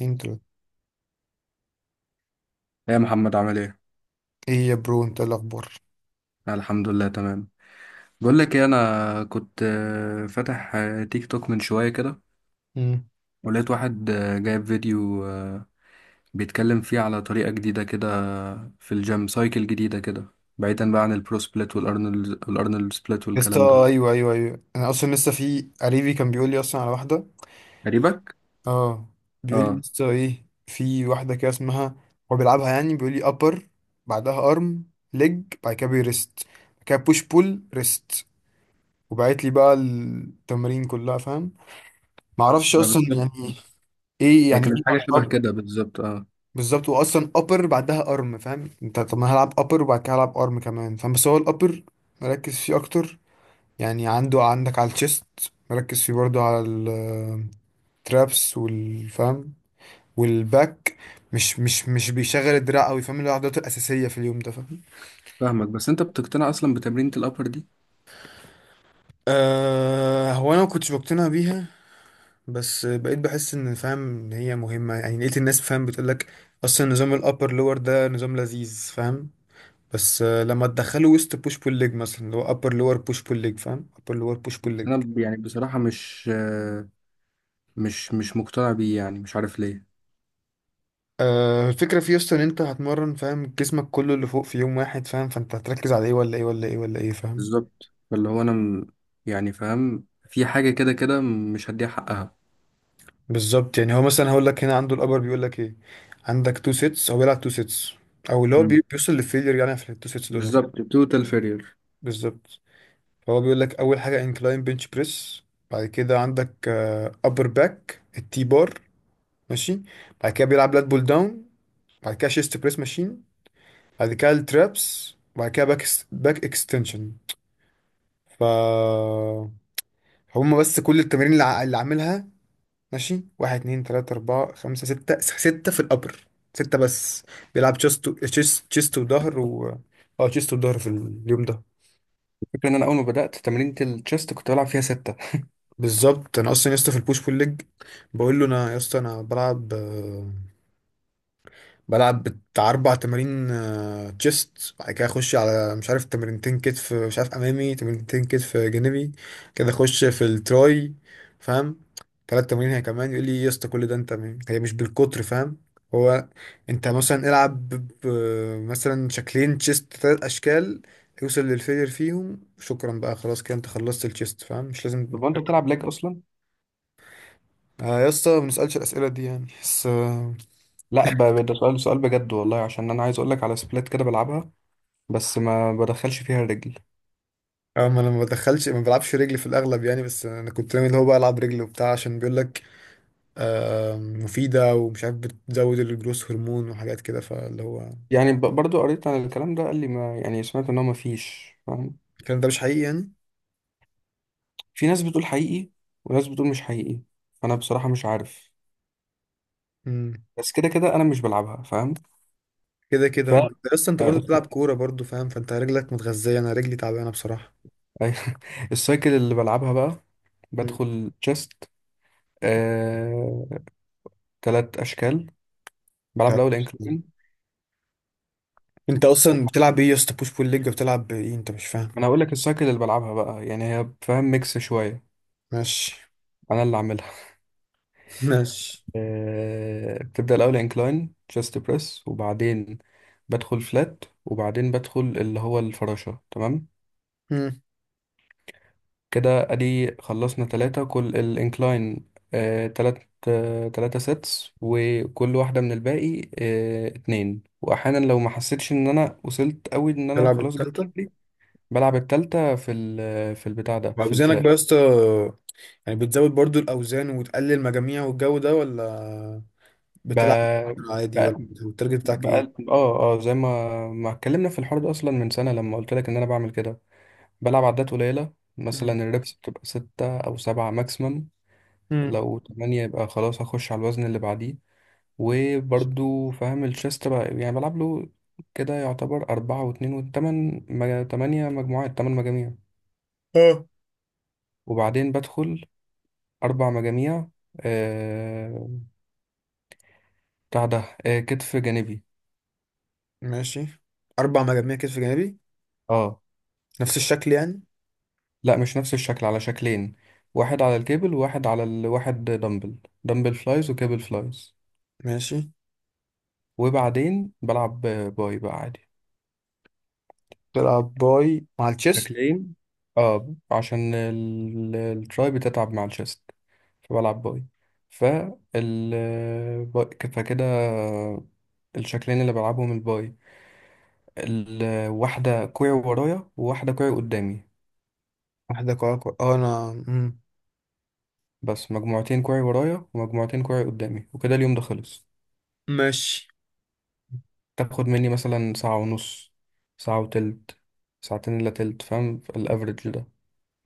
انت ايه يا محمد، عامل ايه؟ انت إيه الاخبار؟ الحمد لله، تمام. بقول لك ايه، انا كنت فاتح تيك توك من شوية كده، مم. ولقيت واحد جايب فيديو، بيتكلم فيه على طريقة جديدة كده، في الجيم، سايكل جديدة كده، بعيدا بقى عن البرو سبليت والارنولد والارنولد سبليت يا اسطى، والكلام ده. ايوه ايوه ايوه، انا اصلا لسه في قريبي كان بيقول لي اصلا على واحده. قريبك؟ اه. بيقول لي اه. لسه ايه، في واحده كده اسمها، هو بيلعبها يعني. بيقول لي ابر، بعدها ارم، ليج، بعد كده بيرست، بعد كده بوش بول ريست. وبعت لي بقى التمارين كلها، فاهم؟ ما اعرفش ما اصلا بالظبط. يعني ايه هي يعني ايه. كانت حاجة شبه اب. كده بالظبط. اه، بالظبط، هو اصلا ابر بعدها ارم، فاهم انت؟ طب ما هلعب ابر وبعد كده هلعب ارم كمان، فاهم؟ بس هو الابر مركز فيه اكتر، يعني عندك على الشيست، مركز فيه برضو على الترابس والفم والباك، مش بيشغل الدراع قوي، فاهم؟ اللي هو عضلاته الاساسيه في اليوم ده، فاهم؟ فاهمك، بس انت بتقتنع اصلا بتمرينة الابر دي؟ أه، هو انا ما كنتش بقتنع بيها، بس بقيت بحس ان، فاهم، ان هي مهمه، يعني لقيت الناس، فاهم، بتقول لك اصلا نظام الابر لور ده نظام لذيذ، فاهم؟ بس لما تدخله وسط بوش بول ليج مثلا، اللي هو ابر لور بوش بول ليج، فاهم؟ ابر لور بوش بول بس ليج. انا يعني بصراحة مش مقتنع بيه، يعني مش عارف ليه الفكرة في يسطا ان انت هتمرن، فاهم، جسمك كله اللي فوق في يوم واحد، فاهم؟ فانت هتركز على ايه ولا ايه ولا ايه ولا ايه، فاهم؟ بالظبط. فاللي هو انا يعني فاهم، في حاجه كده كده مش هديها حقها. بالظبط. يعني هو مثلا هقول لك هنا عنده الابر، بيقول لك ايه، عندك تو سيتس. هو بيلعب تو سيتس او اللي هو مم. بيوصل للفيلير، يعني في التو سيتس دول اهو. بالظبط، توتال فيرير. بالظبط. فهو بيقول لك اول حاجة انكلاين بنش بريس، بعد كده عندك ابر باك التي بار، ماشي، بعد كده بيلعب لات بول داون، بعد كده شيست بريس ماشين، بعد كده الترابس، بعد كده باك اكستنشن. ف هما بس كل التمارين اللي اللي عاملها، ماشي. واحد، اتنين، تلاتة، أربعة، خمسة، ستة، ستة في الأبر، ستة بس. بيلعب تشيست تشيست تشيست وظهر و... اه، تشيست وظهر في اليوم ده. الفكره ان انا اول ما بدات تمرينة التشيست كنت بلعب فيها 6. بالظبط. أنا أصلا يا اسطى في البوش بول ليج بقول له أنا، يا اسطى أنا بلعب بتاع أربع تمارين، تشيست، بعد كده أخش على مش عارف تمرينتين كتف مش عارف أمامي، تمرينتين كتف جانبي، كده أخش في التراي، فاهم؟ تلات تمارين، هي كمان. يقول لي إيه يا اسطى كل ده، أنت هي مش بالكتر، فاهم؟ هو أنت مثلا العب مثلا شكلين تشيست، تلات أشكال، يوصل للفيلير فيهم، شكرا بقى، خلاص كده أنت خلصت التشيست، فاهم؟ مش لازم. طب انت بتلعب ليج اصلا؟ يا اسطى ما بنسألش الأسئلة دي يعني، بس لا، ده سؤال بجد والله، عشان انا عايز اقول لك على سبلات كده بلعبها، بس ما بدخلش فيها الرجل. اه، ما انا ما بدخلش، ما بلعبش رجلي في الاغلب يعني، بس انا كنت ناوي اللي هو بقى العب رجلي وبتاع، عشان بيقول لك مفيده ومش عارف بتزود الجروس هرمون وحاجات كده، فاللي هو يعني برضو قريت عن الكلام ده، قال لي ما يعني، سمعت ان هو ما فيش فاهم. الكلام ده مش حقيقي يعني. في ناس بتقول حقيقي وناس بتقول مش حقيقي، انا بصراحه مش عارف، امم. بس كده كده انا مش بلعبها فاهم. كده ف كده، ما انت اصلا، انت آه، برضه بتلعب كوره برضه، فاهم؟ فانت رجلك متغذيه، انا رجلي تعبانه بصراحه. أيوة. السايكل اللي بلعبها بقى، مم. بدخل تشيست، آه... 3 أشكال. بلعب طب. الأول انكلين. انت اصلا بتلعب ايه يا اسطى؟ بوش بول ليج؟ بتلعب ايه انت مش فاهم؟ أنا هقول لك السايكل اللي بلعبها بقى، يعني هي فاهم ميكس شوية، ماشي. أنا اللي عاملها. ماشي. بتبدأ الأول انكلاين تشيست بريس، وبعدين بدخل فلات، وبعدين بدخل اللي هو الفراشة، تمام. مم. كده ادي خلصنا تلاتة، كل الانكلاين 3 سيتس، وكل واحدة من الباقي اتنين، واحيانا لو ما حسيتش ان انا وصلت قوي، ان انا تلعب خلاص جبت التالتة. اخري، بلعب التالتة في ال في البتاع ده، في واوزانك بقى الفلات. يا اسطى، يعني بتزود برضو الاوزان وتقلل مجاميع والجو ده، ولا ب... بتلعب ب... عادي ولا التارجت بتاعك ايه؟ بقى، اه، زي ما اتكلمنا في الحوار ده اصلا من سنة، لما قلت لك ان انا بعمل كده. بلعب عدات قليلة، مثلا مم. الريبس بتبقى 6 او 7 ماكسيمم. مم. لو 8 يبقى خلاص، هخش على الوزن اللي بعديه. وبرضو فاهم الشيس تبع، يعني بلعب له كده، يعتبر أربعة واتنين، 8 مجموعات، تمن مجاميع. اه. وبعدين بدخل 4 مجاميع، آه... بتاع ده، كتف جانبي. ماشي. اربع مجاميع كتف جانبي؟ اه، نفس الشكل يعني؟ لا، مش نفس الشكل، على شكلين: واحد على الكيبل وواحد على دمبل، دمبل فلايز وكيبل فلايز. ماشي. وبعدين بلعب باي بقى عادي، تلعب باي مع التشيست؟ شكلين، اه، عشان التراي بتتعب مع الشيست، فبلعب باي. فال فكده الشكلين اللي بلعبهم الباي، الواحدة كوعي ورايا وواحدة كوعي قدامي، واحدة كوع كوع، اه، انا مم. بس مجموعتين كوعي ورايا ومجموعتين كوعي قدامي، وكده اليوم ده خلص. ماشي. تاخد مني مثلا ساعة ونص، ساعة وتلت، ساعتين إلا تلت، فاهم الأفريج ده.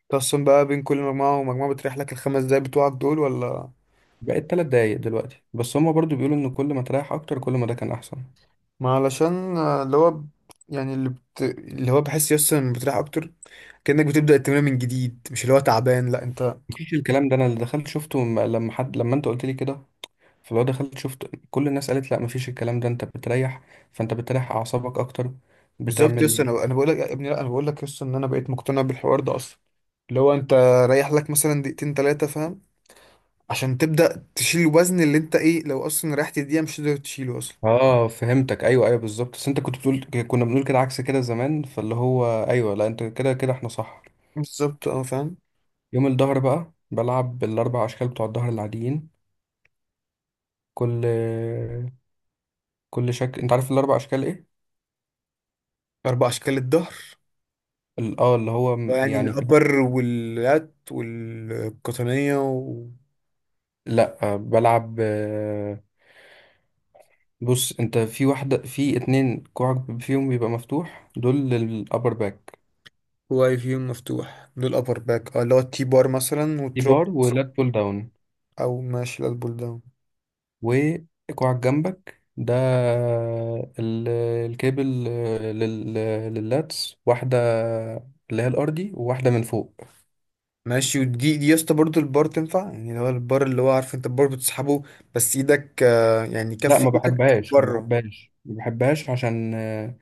تقسم بقى بين كل مجموعة ومجموعة، بتريح لك الخمس دقايق بتوعك دول ولا؟ بقيت 3 دقايق دلوقتي، بس هما برضو بيقولوا إن كل ما تريح أكتر كل ما ده كان أحسن. ما علشان اللي هو يعني اللي اللي هو بحس يسطا ان بتريح اكتر، كأنك بتبدأ التمرين من جديد، مش اللي هو تعبان لا انت. مفيش الكلام ده، انا اللي دخلت شفته، لما حد لما انت قلت لي كده، فلو دخلت شفت كل الناس قالت لا، مفيش الكلام ده، انت بتريح، فانت بتريح اعصابك اكتر، بالظبط يسطا، بتعمل. انا بقول لك يا ابني، لا انا بقول لك يسطا ان انا بقيت مقتنع بالحوار ده اصلا. لو انت رايح لك مثلا دقيقتين تلاتة، فاهم، عشان تبدأ تشيل الوزن، اللي انت ايه، لو اصلا ريحت دقيقة مش تقدر تشيله اصلا. اه، فهمتك، ايوه، ايوه بالظبط. بس انت كنت بتقول، كنا بنقول كده عكس كده زمان، فاللي هو ايوه، لا، انت كده كده احنا صح. بالظبط. اه، فاهم. يوم الظهر بقى بلعب بالاربع اشكال بتوع الظهر العاديين. كل كل شكل، انت عارف الاربع اشكال ايه؟ اربع اشكال الظهر؟ يعني يعني الابر واللات والقطنية؟ لا، بلعب، بص، انت في واحدة، في اتنين كوعك فيهم بيبقى مفتوح، دول للأبر باك، وواي فيو مفتوح دول ابر باك، اه، اللي هو التي بار مثلا دي وتروب، بار ولات بول داون. او ماشي، لا البول داون. وكوعك جنبك ده، ال- الكابل، لل- لللاتس، واحدة اللي هي الأرضي وواحدة من فوق. ماشي. ودي يا اسطى برضه البار تنفع، يعني اللي هو البار، اللي هو عارف انت البار بتسحبه، بس ايدك يعني لا، كف ما ايدك بحبهاش ما بره؟ بحبهاش ما بحبهاش، عشان آه،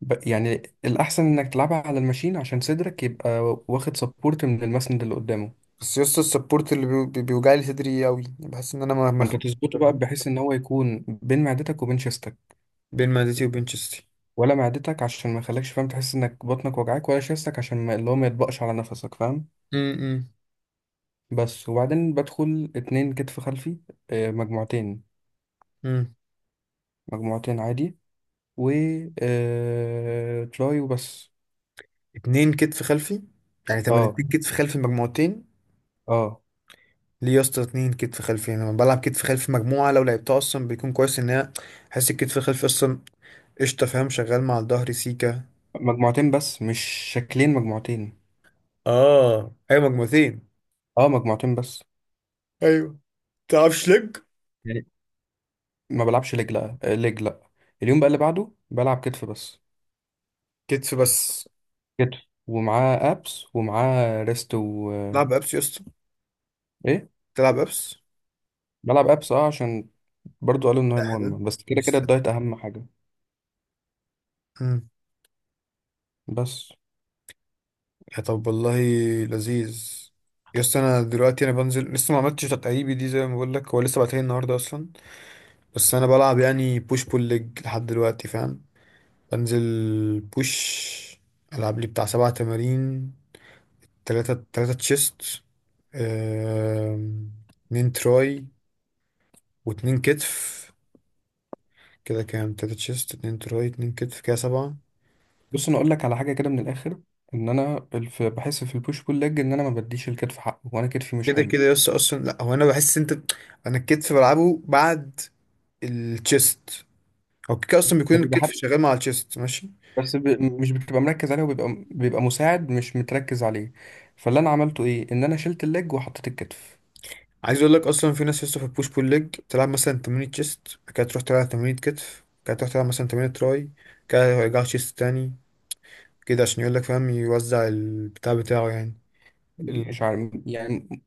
ب- يعني الأحسن إنك تلعبها على الماشين، عشان صدرك يبقى واخد سبورت من المسند اللي قدامه. بس يا اسطى السبورت اللي بيوجع لي صدري قوي، بحس ان انا ما انت مخنوق. تظبطه كده، بقى فاهم؟ بحيث ان هو يكون بين معدتك وبين شيستك، بين معدتي وبين شستي. ولا معدتك عشان ما يخليكش فاهم تحس انك بطنك وجعاك، ولا شيستك عشان ما اللي هو ما يطبقش على نفسك فاهم. امم. بس، وبعدين بدخل اتنين كتف خلفي، مجموعتين، امم. مجموعتين عادي، و آه، تراي وبس. اتنين كتف خلفي، يعني اه تمرينتين كتف خلفي مجموعتين؟ اه ليه يا اسطى اتنين كتف خلفي؟ انا لما بلعب كتف خلفي مجموعه لو لعبتها اصلا بيكون كويس، ان هي احس الكتف الخلفي اصلا قشطه، فاهم، شغال مع الظهر سيكا. مجموعتين، بس مش شكلين، مجموعتين. اه، ايوه مجموعتين. اه، مجموعتين بس. ايوه. تلعبش لج؟ يعني ما بلعبش ليج، لا، ليج لا. اليوم بقى اللي بعده بلعب كتف بس، كتف بس؟ كتف، ومعاه ابس ومعاه ريست و تلعب ابس يا اسطى؟ ايه. تلعب ابس؟ بلعب ابس اه، عشان برضو قالوا ان هي ده حلو مهمه، بس كده كده بس. الدايت اهم حاجه. بس، يا طب والله، لذيذ. يا اسطى انا دلوقتي، انا بنزل لسه ما عملتش تدريبي دي، زي ما بقول لك هو لسه بعتها النهارده اصلا، بس انا بلعب يعني بوش بول ليج لحد دلوقتي، فاهم؟ بنزل بوش، العب لي بتاع سبع تمارين، تلاتة تشيست، اتنين تراي، واتنين كتف. كده كام؟ تلاتة تشيست، اتنين تراي، اتنين كتف، كده سبعة. بص انا اقول لك على حاجه كده من الاخر: ان انا بحس في البوش بول ليج ان انا ما بديش الكتف حقه، وانا كتفي مش كده حلو، كده يس اصلا. لا هو انا بحس انت، انا الكتف بلعبه بعد التشيست، هو كده اصلا بيكون فبيبقى الكتف حتى، شغال مع الشيست، ماشي. بس ب... مش بتبقى مركز عليه، وبيبقى مساعد مش متركز عليه. فاللي انا عملته ايه، ان انا شلت الليج وحطيت الكتف. عايز اقول لك اصلا، في ناس لسه في البوش بول ليج تلعب مثلا تمرين تشيست بعد كده تروح تلعب تمرين كتف بعد كده تروح تلعب مثلا تمرين تراي، كده يرجع تشيست تاني، كده عشان يقول لك، فاهم، يوزع البتاع بتاعه يعني. مش ال... عارف يعني،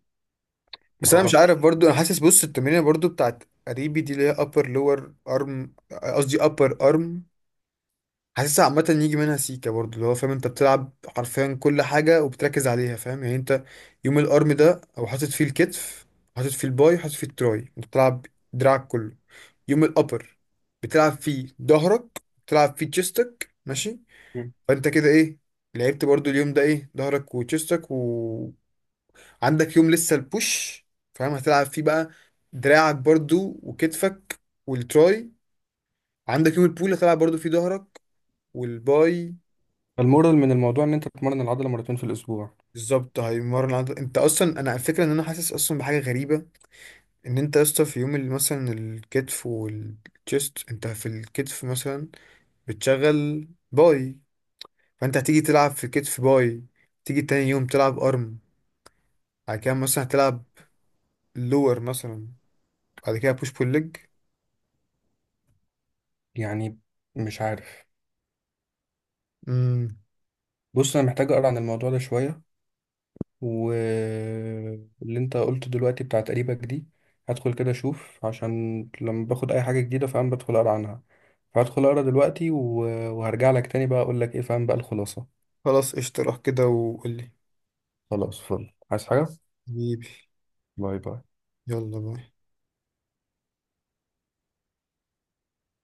ما بس انا مش عارف اعرفش. برضو، انا حاسس، بص، التمرين برضو بتاعت قريبي دي اللي هي upper lower arm، قصدي upper arm، حاسس عامة يجي منها سيكا برضو، اللي هو فاهم انت بتلعب حرفيا كل حاجة وبتركز عليها، فاهم؟ يعني انت يوم الارم ده او حاطط فيه الكتف، حاطط فيه الباي، حاطط فيه التراي، انت بتلعب دراعك كله. يوم الابر بتلعب فيه ظهرك، بتلعب فيه تشيستك، ماشي؟ مم. فانت كده ايه، لعبت برضو اليوم ده ايه، ظهرك وتشيستك، وعندك يوم لسه البوش، فاهم، هتلعب فيه بقى دراعك برضو وكتفك والتراي. عندك يوم البول هتلعب برضو فيه ظهرك والباي. فالمورال من الموضوع ان انت تتمرن العضله مرتين في الاسبوع. بالظبط، هيمرن عضل انت اصلا. انا الفكره ان انا حاسس اصلا بحاجه غريبه، ان انت يا اسطى في يوم اللي مثلا الكتف والتشيست، انت في الكتف مثلا بتشغل باي، فانت هتيجي تلعب في الكتف باي، تيجي تاني يوم تلعب ارم، بعد كده مثلا هتلعب لور مثلا، بعد كده بوش بول ليج. يعني مش عارف. امم. بص، انا محتاج اقرا عن الموضوع ده شويه، واللي انت قلته دلوقتي بتاعت قريبك دي، هدخل كده اشوف، عشان لما باخد اي حاجة جديدة فاهم بدخل اقرا عنها، فهدخل اقرا دلوقتي وهرجع لك تاني بقى اقول لك ايه فاهم، بقى الخلاصة. خلاص قشطة، روح كده وقولي. خلاص، فل، عايز حاجة؟ حبيبي. باي باي. يلا باي.